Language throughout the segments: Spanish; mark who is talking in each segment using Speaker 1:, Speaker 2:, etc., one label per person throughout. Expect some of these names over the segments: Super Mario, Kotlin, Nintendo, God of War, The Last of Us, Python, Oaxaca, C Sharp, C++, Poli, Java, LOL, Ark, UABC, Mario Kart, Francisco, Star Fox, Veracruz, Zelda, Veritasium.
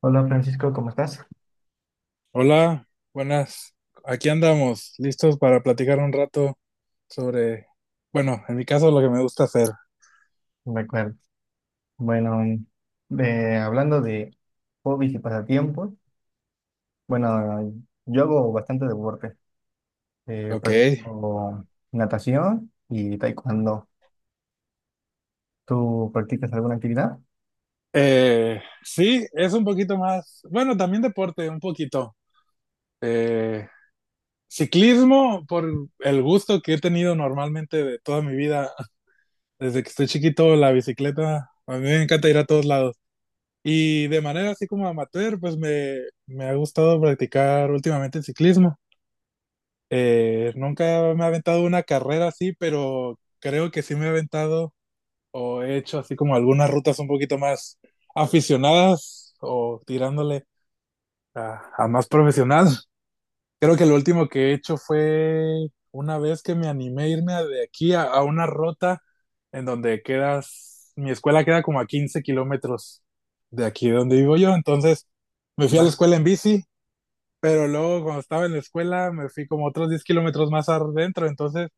Speaker 1: Hola Francisco, ¿cómo estás?
Speaker 2: Hola, buenas. Aquí andamos, listos para platicar un rato sobre, bueno, en mi caso lo que me gusta hacer.
Speaker 1: De acuerdo. Bueno, hablando de hobbies y pasatiempos, bueno, yo hago bastante deporte.
Speaker 2: Ok.
Speaker 1: Practico natación y taekwondo. ¿Tú practicas alguna actividad?
Speaker 2: Sí, es un poquito más, bueno, también deporte, un poquito. Eh, Ciclismo, por el gusto que he tenido normalmente de toda mi vida, desde que estoy chiquito, la bicicleta, a mí me encanta ir a todos lados. Y de manera así como amateur, pues me ha gustado practicar últimamente el ciclismo. Nunca me he aventado una carrera así, pero creo que sí me he aventado o he hecho así como algunas rutas un poquito más aficionadas o tirándole a más profesional. Creo que lo último que he hecho fue una vez que me animé a irme de aquí a una ruta en donde quedas, mi escuela queda como a 15 kilómetros de aquí de donde vivo yo, entonces me fui a la
Speaker 1: ¿Más?
Speaker 2: escuela en bici, pero luego cuando estaba en la escuela me fui como otros 10 kilómetros más adentro, entonces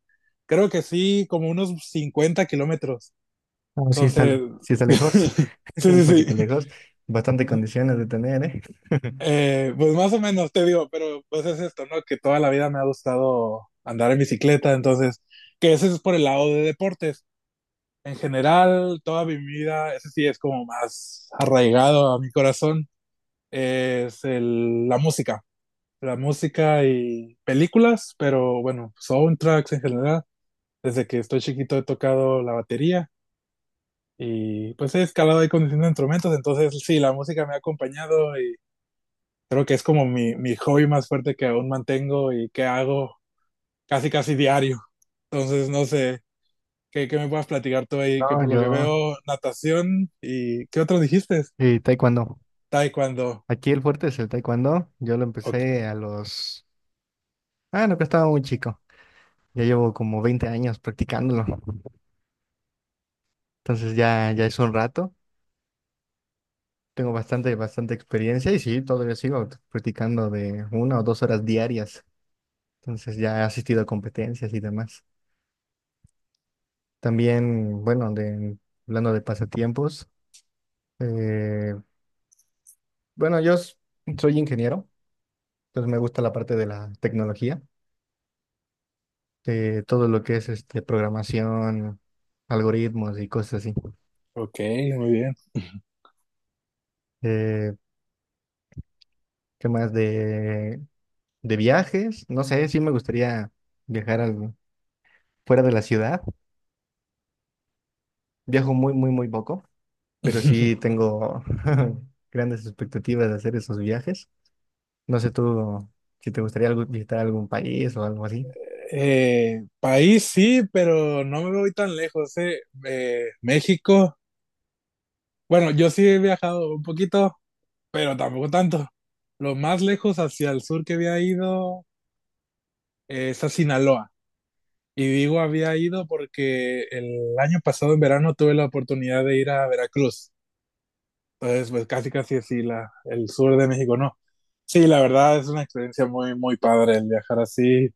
Speaker 2: creo que sí, como unos 50 kilómetros.
Speaker 1: No,
Speaker 2: Entonces,
Speaker 1: sí está lejos, un
Speaker 2: sí, sí,
Speaker 1: poquito
Speaker 2: sí.
Speaker 1: lejos. Bastante condiciones de tener, ¿eh?
Speaker 2: Pues más o menos, te digo, pero pues es esto, ¿no? Que toda la vida me ha gustado andar en bicicleta, entonces, que ese es por el lado de deportes. En general, toda mi vida, ese sí es como más arraigado a mi corazón, es la música. La música y películas, pero bueno, soundtracks en general. Desde que estoy chiquito he tocado la batería. Y pues he escalado ahí conduciendo instrumentos, entonces sí, la música me ha acompañado y creo que es como mi hobby más fuerte que aún mantengo y que hago casi casi diario. Entonces no sé, ¿qué me puedas platicar tú ahí? Que
Speaker 1: No,
Speaker 2: por lo que
Speaker 1: yo,
Speaker 2: veo, natación y ¿qué otro dijiste?
Speaker 1: taekwondo.
Speaker 2: Taekwondo.
Speaker 1: Aquí el fuerte es el taekwondo. Yo lo
Speaker 2: Ok,
Speaker 1: empecé a los... Ah, no, que estaba muy chico. Ya llevo como 20 años practicándolo. Entonces ya es un rato, tengo bastante experiencia y sí, todavía sigo practicando de una o dos horas diarias. Entonces ya he asistido a competencias y demás. También, bueno, hablando de pasatiempos, eh, bueno, soy ingeniero, entonces me gusta la parte de la tecnología, todo lo que es este, programación, algoritmos y cosas así.
Speaker 2: ok, muy bien.
Speaker 1: Eh, ¿Qué más de viajes? No sé, sí me gustaría viajar al- fuera de la ciudad. Viajo muy poco, pero sí tengo grandes expectativas de hacer esos viajes. No sé tú si te gustaría visitar algún país o algo así.
Speaker 2: País sí, pero no me voy tan lejos, eh. México. Bueno, yo sí he viajado un poquito, pero tampoco tanto. Lo más lejos hacia el sur que había ido es a Sinaloa. Y digo había ido porque el año pasado en verano tuve la oportunidad de ir a Veracruz. Entonces, pues casi casi así el sur de México, no. Sí, la verdad es una experiencia muy, muy padre el viajar así.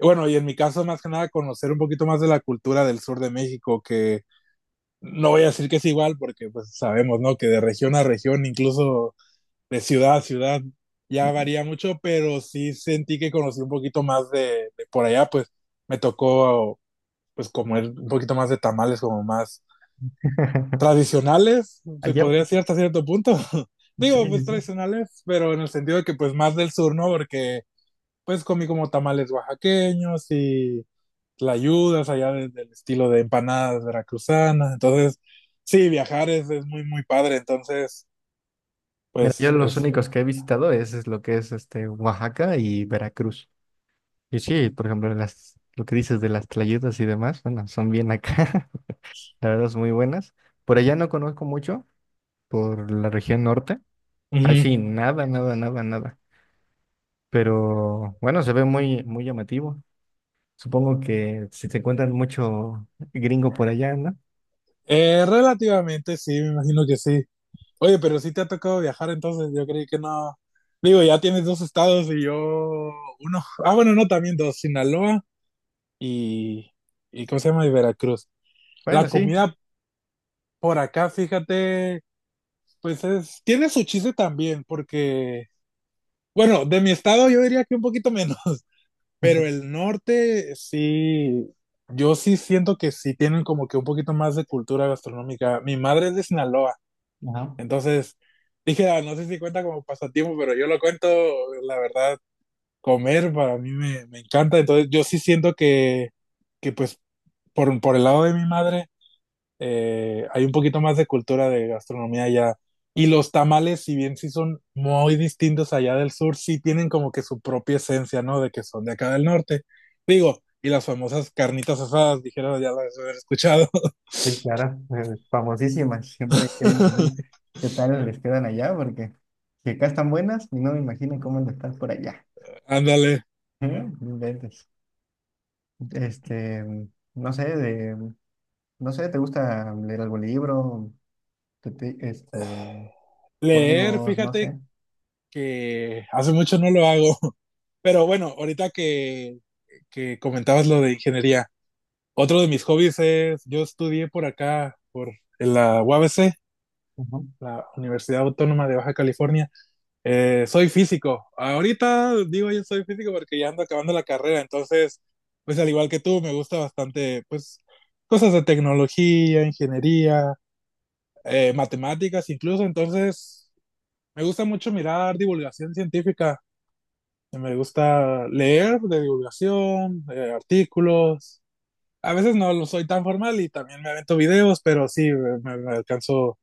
Speaker 2: Bueno, y en mi caso, más que nada, conocer un poquito más de la cultura del sur de México, que no voy a decir que es igual, porque pues sabemos, ¿no? Que de región a región, incluso de ciudad a ciudad ya varía mucho, pero sí sentí que conocí un poquito más de por allá, pues me tocó pues comer un poquito más de tamales, como más tradicionales, se
Speaker 1: Allá,
Speaker 2: podría decir hasta cierto punto.
Speaker 1: sí,
Speaker 2: Digo,
Speaker 1: sí,
Speaker 2: pues
Speaker 1: sí.
Speaker 2: tradicionales, pero en el sentido de que pues más del sur, ¿no? Porque pues comí como tamales oaxaqueños y tlayudas allá del estilo de empanadas veracruzanas. Entonces, sí, viajar es muy, muy padre. Entonces,
Speaker 1: Mira, yo
Speaker 2: pues
Speaker 1: los
Speaker 2: es...
Speaker 1: únicos que he visitado es lo que es este Oaxaca y Veracruz. Y sí, por ejemplo, lo que dices de las tlayudas y demás, bueno, son bien acá, la verdad son muy buenas. Por allá no conozco mucho, por la región norte. Ahí sí, nada, nada, nada, nada. Pero bueno, se ve muy, muy llamativo. Supongo que si se encuentran mucho gringo por allá, ¿no?
Speaker 2: Relativamente sí, me imagino que sí. Oye, pero sí te ha tocado viajar, entonces yo creí que no. Digo, ya tienes dos estados y yo uno. Ah, bueno, no, también dos, Sinaloa y, y ¿cómo se llama? Y Veracruz. La
Speaker 1: Bueno, sí.
Speaker 2: comida por acá, fíjate, pues es, tiene su chiste también, porque, bueno, de mi estado yo diría que un poquito menos, pero el norte sí, yo sí siento que sí tienen como que un poquito más de cultura gastronómica. Mi madre es de Sinaloa.
Speaker 1: Ajá.
Speaker 2: Entonces, dije, ah, no sé si cuenta como pasatiempo, pero yo lo cuento, la verdad, comer para mí me encanta. Entonces, yo sí siento que pues, por el lado de mi madre, hay un poquito más de cultura de gastronomía allá. Y los tamales, si bien sí son muy distintos allá del sur, sí tienen como que su propia esencia, ¿no? De que son de acá del norte. Digo, y las famosas carnitas asadas, dijeron, ya las he escuchado.
Speaker 1: Sí, claro, famosísimas, siempre he querido ver qué tal les quedan allá, porque si acá están buenas, no me imagino cómo les están por allá.
Speaker 2: Ándale.
Speaker 1: Ujú, no inventes. Este, no sé, de, no sé, ¿te gusta leer algún libro? Este,
Speaker 2: Leer,
Speaker 1: juegos, no
Speaker 2: fíjate
Speaker 1: sé,
Speaker 2: que hace mucho no lo hago. Pero bueno, ahorita que comentabas lo de ingeniería, otro de mis hobbies es, yo estudié por acá, por en la UABC,
Speaker 1: Ajá.
Speaker 2: la Universidad Autónoma de Baja California. Soy físico. Ahorita digo yo soy físico porque ya ando acabando la carrera, entonces, pues al igual que tú, me gusta bastante, pues, cosas de tecnología, ingeniería, matemáticas incluso, entonces, me gusta mucho mirar divulgación científica. Me gusta leer de divulgación, artículos. A veces no lo soy tan formal y también me avento videos, pero sí, me alcanzo,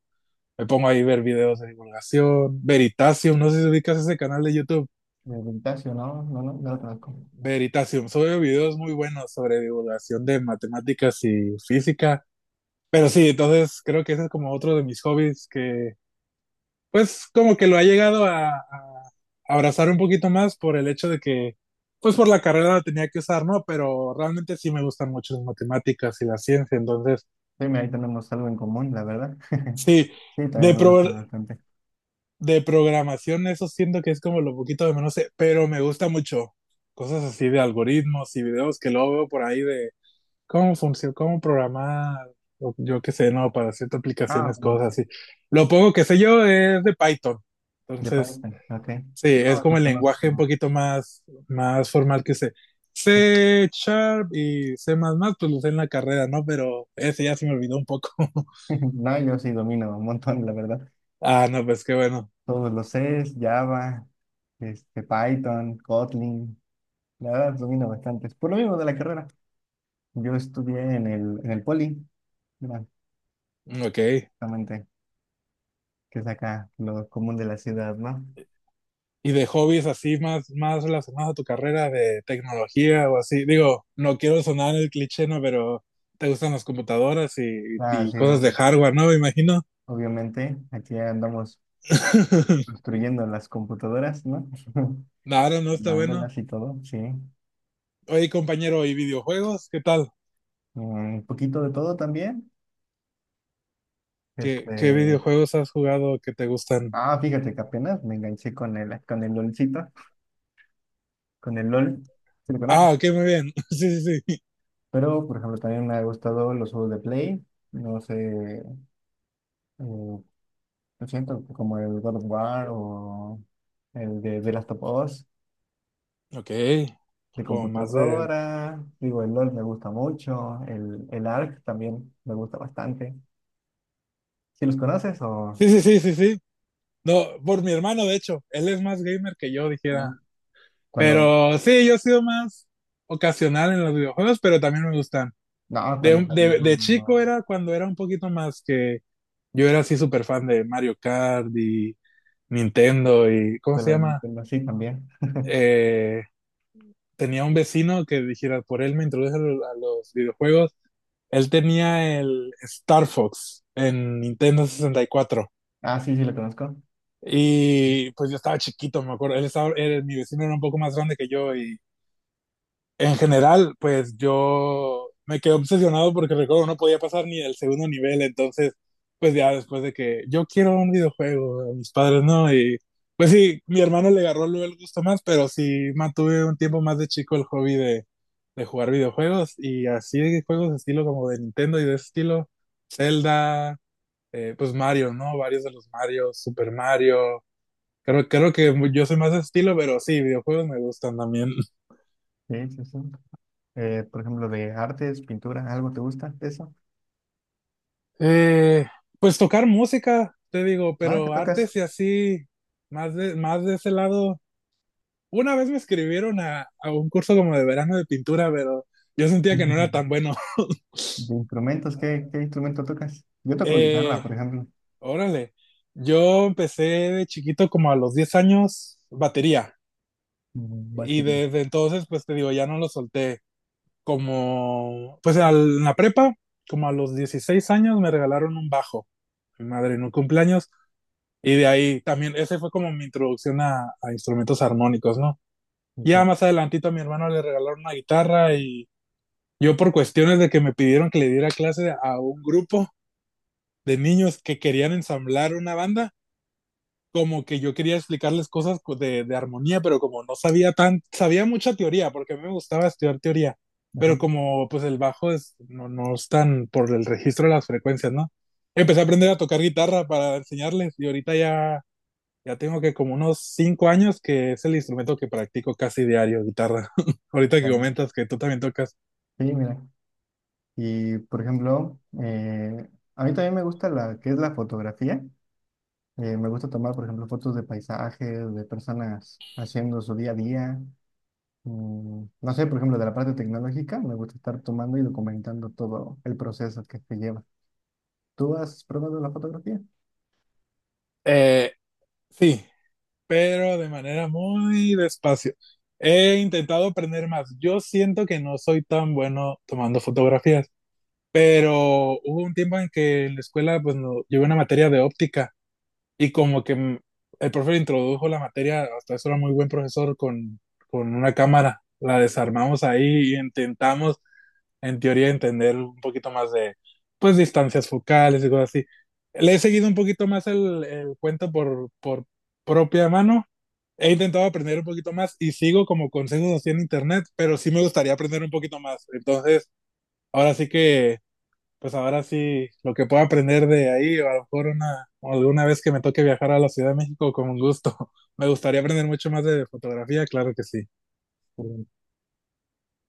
Speaker 2: me pongo ahí a ver videos de divulgación. Veritasium, no sé si ubicas ese canal de YouTube.
Speaker 1: De Vintasio, ¿no? No, no, no lo conozco.
Speaker 2: Veritasium, sube videos muy buenos sobre divulgación de matemáticas y física. Pero sí, entonces creo que ese es como otro de mis hobbies que pues como que lo ha llegado a abrazar un poquito más por el hecho de que, pues por la carrera la tenía que usar, ¿no? Pero realmente sí me gustan mucho las matemáticas y la ciencia, entonces
Speaker 1: Sí, mira, ahí tenemos algo en común, la verdad.
Speaker 2: sí,
Speaker 1: Sí,
Speaker 2: de,
Speaker 1: también me
Speaker 2: pro-
Speaker 1: gusta bastante.
Speaker 2: de programación eso siento que es como lo poquito de menos, sé, pero me gusta mucho cosas así de algoritmos y videos que luego veo por ahí de cómo funciona, cómo programar, o yo qué sé, no, para ciertas
Speaker 1: Ah,
Speaker 2: aplicaciones,
Speaker 1: bueno,
Speaker 2: cosas
Speaker 1: sí,
Speaker 2: así. Lo poco que sé yo es de Python,
Speaker 1: de
Speaker 2: entonces...
Speaker 1: Python, ok.
Speaker 2: Sí, es
Speaker 1: No,
Speaker 2: como
Speaker 1: yo
Speaker 2: el lenguaje un
Speaker 1: conozco.
Speaker 2: poquito más, más formal que C. C Sharp y C++, pues lo usé en la carrera, ¿no? Pero ese ya se me olvidó un poco.
Speaker 1: No, yo sí domino un montón, la verdad.
Speaker 2: Ah, no, pues qué bueno.
Speaker 1: Todos los Cs, Java, este, Python, Kotlin, la verdad domino bastantes. Por lo mismo de la carrera. Yo estudié en en el Poli, mira,
Speaker 2: Ok.
Speaker 1: justamente, que es acá lo común de la ciudad, ¿no?
Speaker 2: ¿Y de hobbies así más, más relacionados a tu carrera de tecnología o así? Digo, no quiero sonar el cliché, ¿no? Pero te gustan las computadoras
Speaker 1: Ah,
Speaker 2: y
Speaker 1: sí, o-
Speaker 2: cosas de hardware, ¿no? Me imagino.
Speaker 1: Obviamente, aquí andamos construyendo las computadoras, ¿no?
Speaker 2: Claro, no está bueno.
Speaker 1: Armándolas y todo, sí.
Speaker 2: Oye, compañero, ¿y videojuegos? ¿Qué tal?
Speaker 1: Un poquito de todo también.
Speaker 2: ¿Qué
Speaker 1: Este,
Speaker 2: videojuegos has jugado que te gustan?
Speaker 1: ah, fíjate que apenas me enganché con con el LOLcito, con el LOL, si lo conoces.
Speaker 2: Ah, ok, muy bien. Sí, sí, sí.
Speaker 1: Pero, por ejemplo, también me ha gustado los juegos de Play. No sé, eh, lo siento, como el God of War o el de The Last of Us
Speaker 2: Ok,
Speaker 1: de
Speaker 2: como más de...
Speaker 1: computadora. Digo, el LOL me gusta mucho. El Ark también me gusta bastante. Si los conoces
Speaker 2: Sí, sí, sí, sí, sí. No, por mi hermano, de hecho, él es más gamer que yo, dijera.
Speaker 1: o cuando,
Speaker 2: Pero sí, yo he sido más ocasional en los videojuegos, pero también me gustan.
Speaker 1: no, cuando
Speaker 2: De,
Speaker 1: salió,
Speaker 2: de, de chico
Speaker 1: no,
Speaker 2: era cuando era un poquito más que yo era así súper fan de Mario Kart y Nintendo y ¿cómo se llama?
Speaker 1: pero sí también.
Speaker 2: Eh, Tenía un vecino que dijera, por él me introduce a a los videojuegos. Él tenía el Star Fox en Nintendo 64.
Speaker 1: Ah, sí, sí lo conozco.
Speaker 2: Y pues yo estaba chiquito, me acuerdo. Él estaba, mi vecino era un poco más grande que yo y en general, pues yo me quedé obsesionado porque recuerdo no podía pasar ni el segundo nivel, entonces pues ya después de que yo quiero un videojuego, a mis padres no, y pues sí, mi hermano le agarró luego el gusto más, pero sí mantuve un tiempo más de chico el hobby de jugar videojuegos y así de juegos de estilo como de Nintendo y de ese estilo, Zelda, pues Mario, ¿no? Varios de los Mario, Super Mario. Creo, creo que yo soy más de ese estilo, pero sí, videojuegos me gustan también.
Speaker 1: Sí, sí, sí. Por ejemplo, de artes, pintura, ¿algo te gusta de eso?
Speaker 2: Eh, pues tocar música, te digo,
Speaker 1: Ah, ¿qué
Speaker 2: pero
Speaker 1: tocas?
Speaker 2: artes y así, más de ese lado. Una vez me escribieron a un curso como de verano de pintura, pero yo sentía que no era tan bueno.
Speaker 1: ¿De instrumentos? ¿Qué, qué instrumento tocas? Yo toco guitarra,
Speaker 2: Eh,
Speaker 1: por ejemplo.
Speaker 2: Órale, yo empecé de chiquito como a los 10 años batería
Speaker 1: Mm,
Speaker 2: y
Speaker 1: batería.
Speaker 2: desde entonces, pues te digo, ya no lo solté. Como, pues en la prepa, como a los 16 años me regalaron un bajo. Mi madre, en un cumpleaños. Y de ahí también, ese fue como mi introducción a instrumentos armónicos, ¿no?
Speaker 1: Ok,
Speaker 2: Ya más adelantito a mi hermano le regalaron una guitarra y yo por cuestiones de que me pidieron que le diera clase a un grupo de niños que querían ensamblar una banda, como que yo quería explicarles cosas de armonía, pero como no sabía tan, sabía mucha teoría, porque a mí me gustaba estudiar teoría, pero
Speaker 1: ajá.
Speaker 2: como pues el bajo es, no, no es tan por el registro de las frecuencias, ¿no? Empecé a aprender a tocar guitarra para enseñarles y ahorita ya ya tengo que como unos 5 años que es el instrumento que practico casi diario, guitarra. Ahorita que
Speaker 1: Ya.
Speaker 2: comentas que tú también tocas.
Speaker 1: Sí, mira. Y, por ejemplo, a mí también me gusta la que es la fotografía. Me gusta tomar, por ejemplo, fotos de paisajes, de personas haciendo su día a día. Mm, no sé, por ejemplo, de la parte tecnológica, me gusta estar tomando y documentando todo el proceso que se lleva. ¿Tú has probado la fotografía?
Speaker 2: Eh, sí, pero de manera muy despacio. He intentado aprender más. Yo siento que no soy tan bueno tomando fotografías, pero hubo un tiempo en que en la escuela pues no, llevé una materia de óptica y como que el profe introdujo la materia, hasta eso era muy buen profesor con una cámara. La desarmamos ahí y intentamos en teoría, entender un poquito más de, pues, distancias focales y cosas así. Le he seguido un poquito más el cuento por propia mano. He intentado aprender un poquito más y sigo como consejos así en internet, pero sí me gustaría aprender un poquito más. Entonces, ahora sí que, pues ahora sí, lo que pueda aprender de ahí, o a lo mejor o alguna vez que me toque viajar a la Ciudad de México, con gusto. Me gustaría aprender mucho más de fotografía, claro que sí.
Speaker 1: Sí.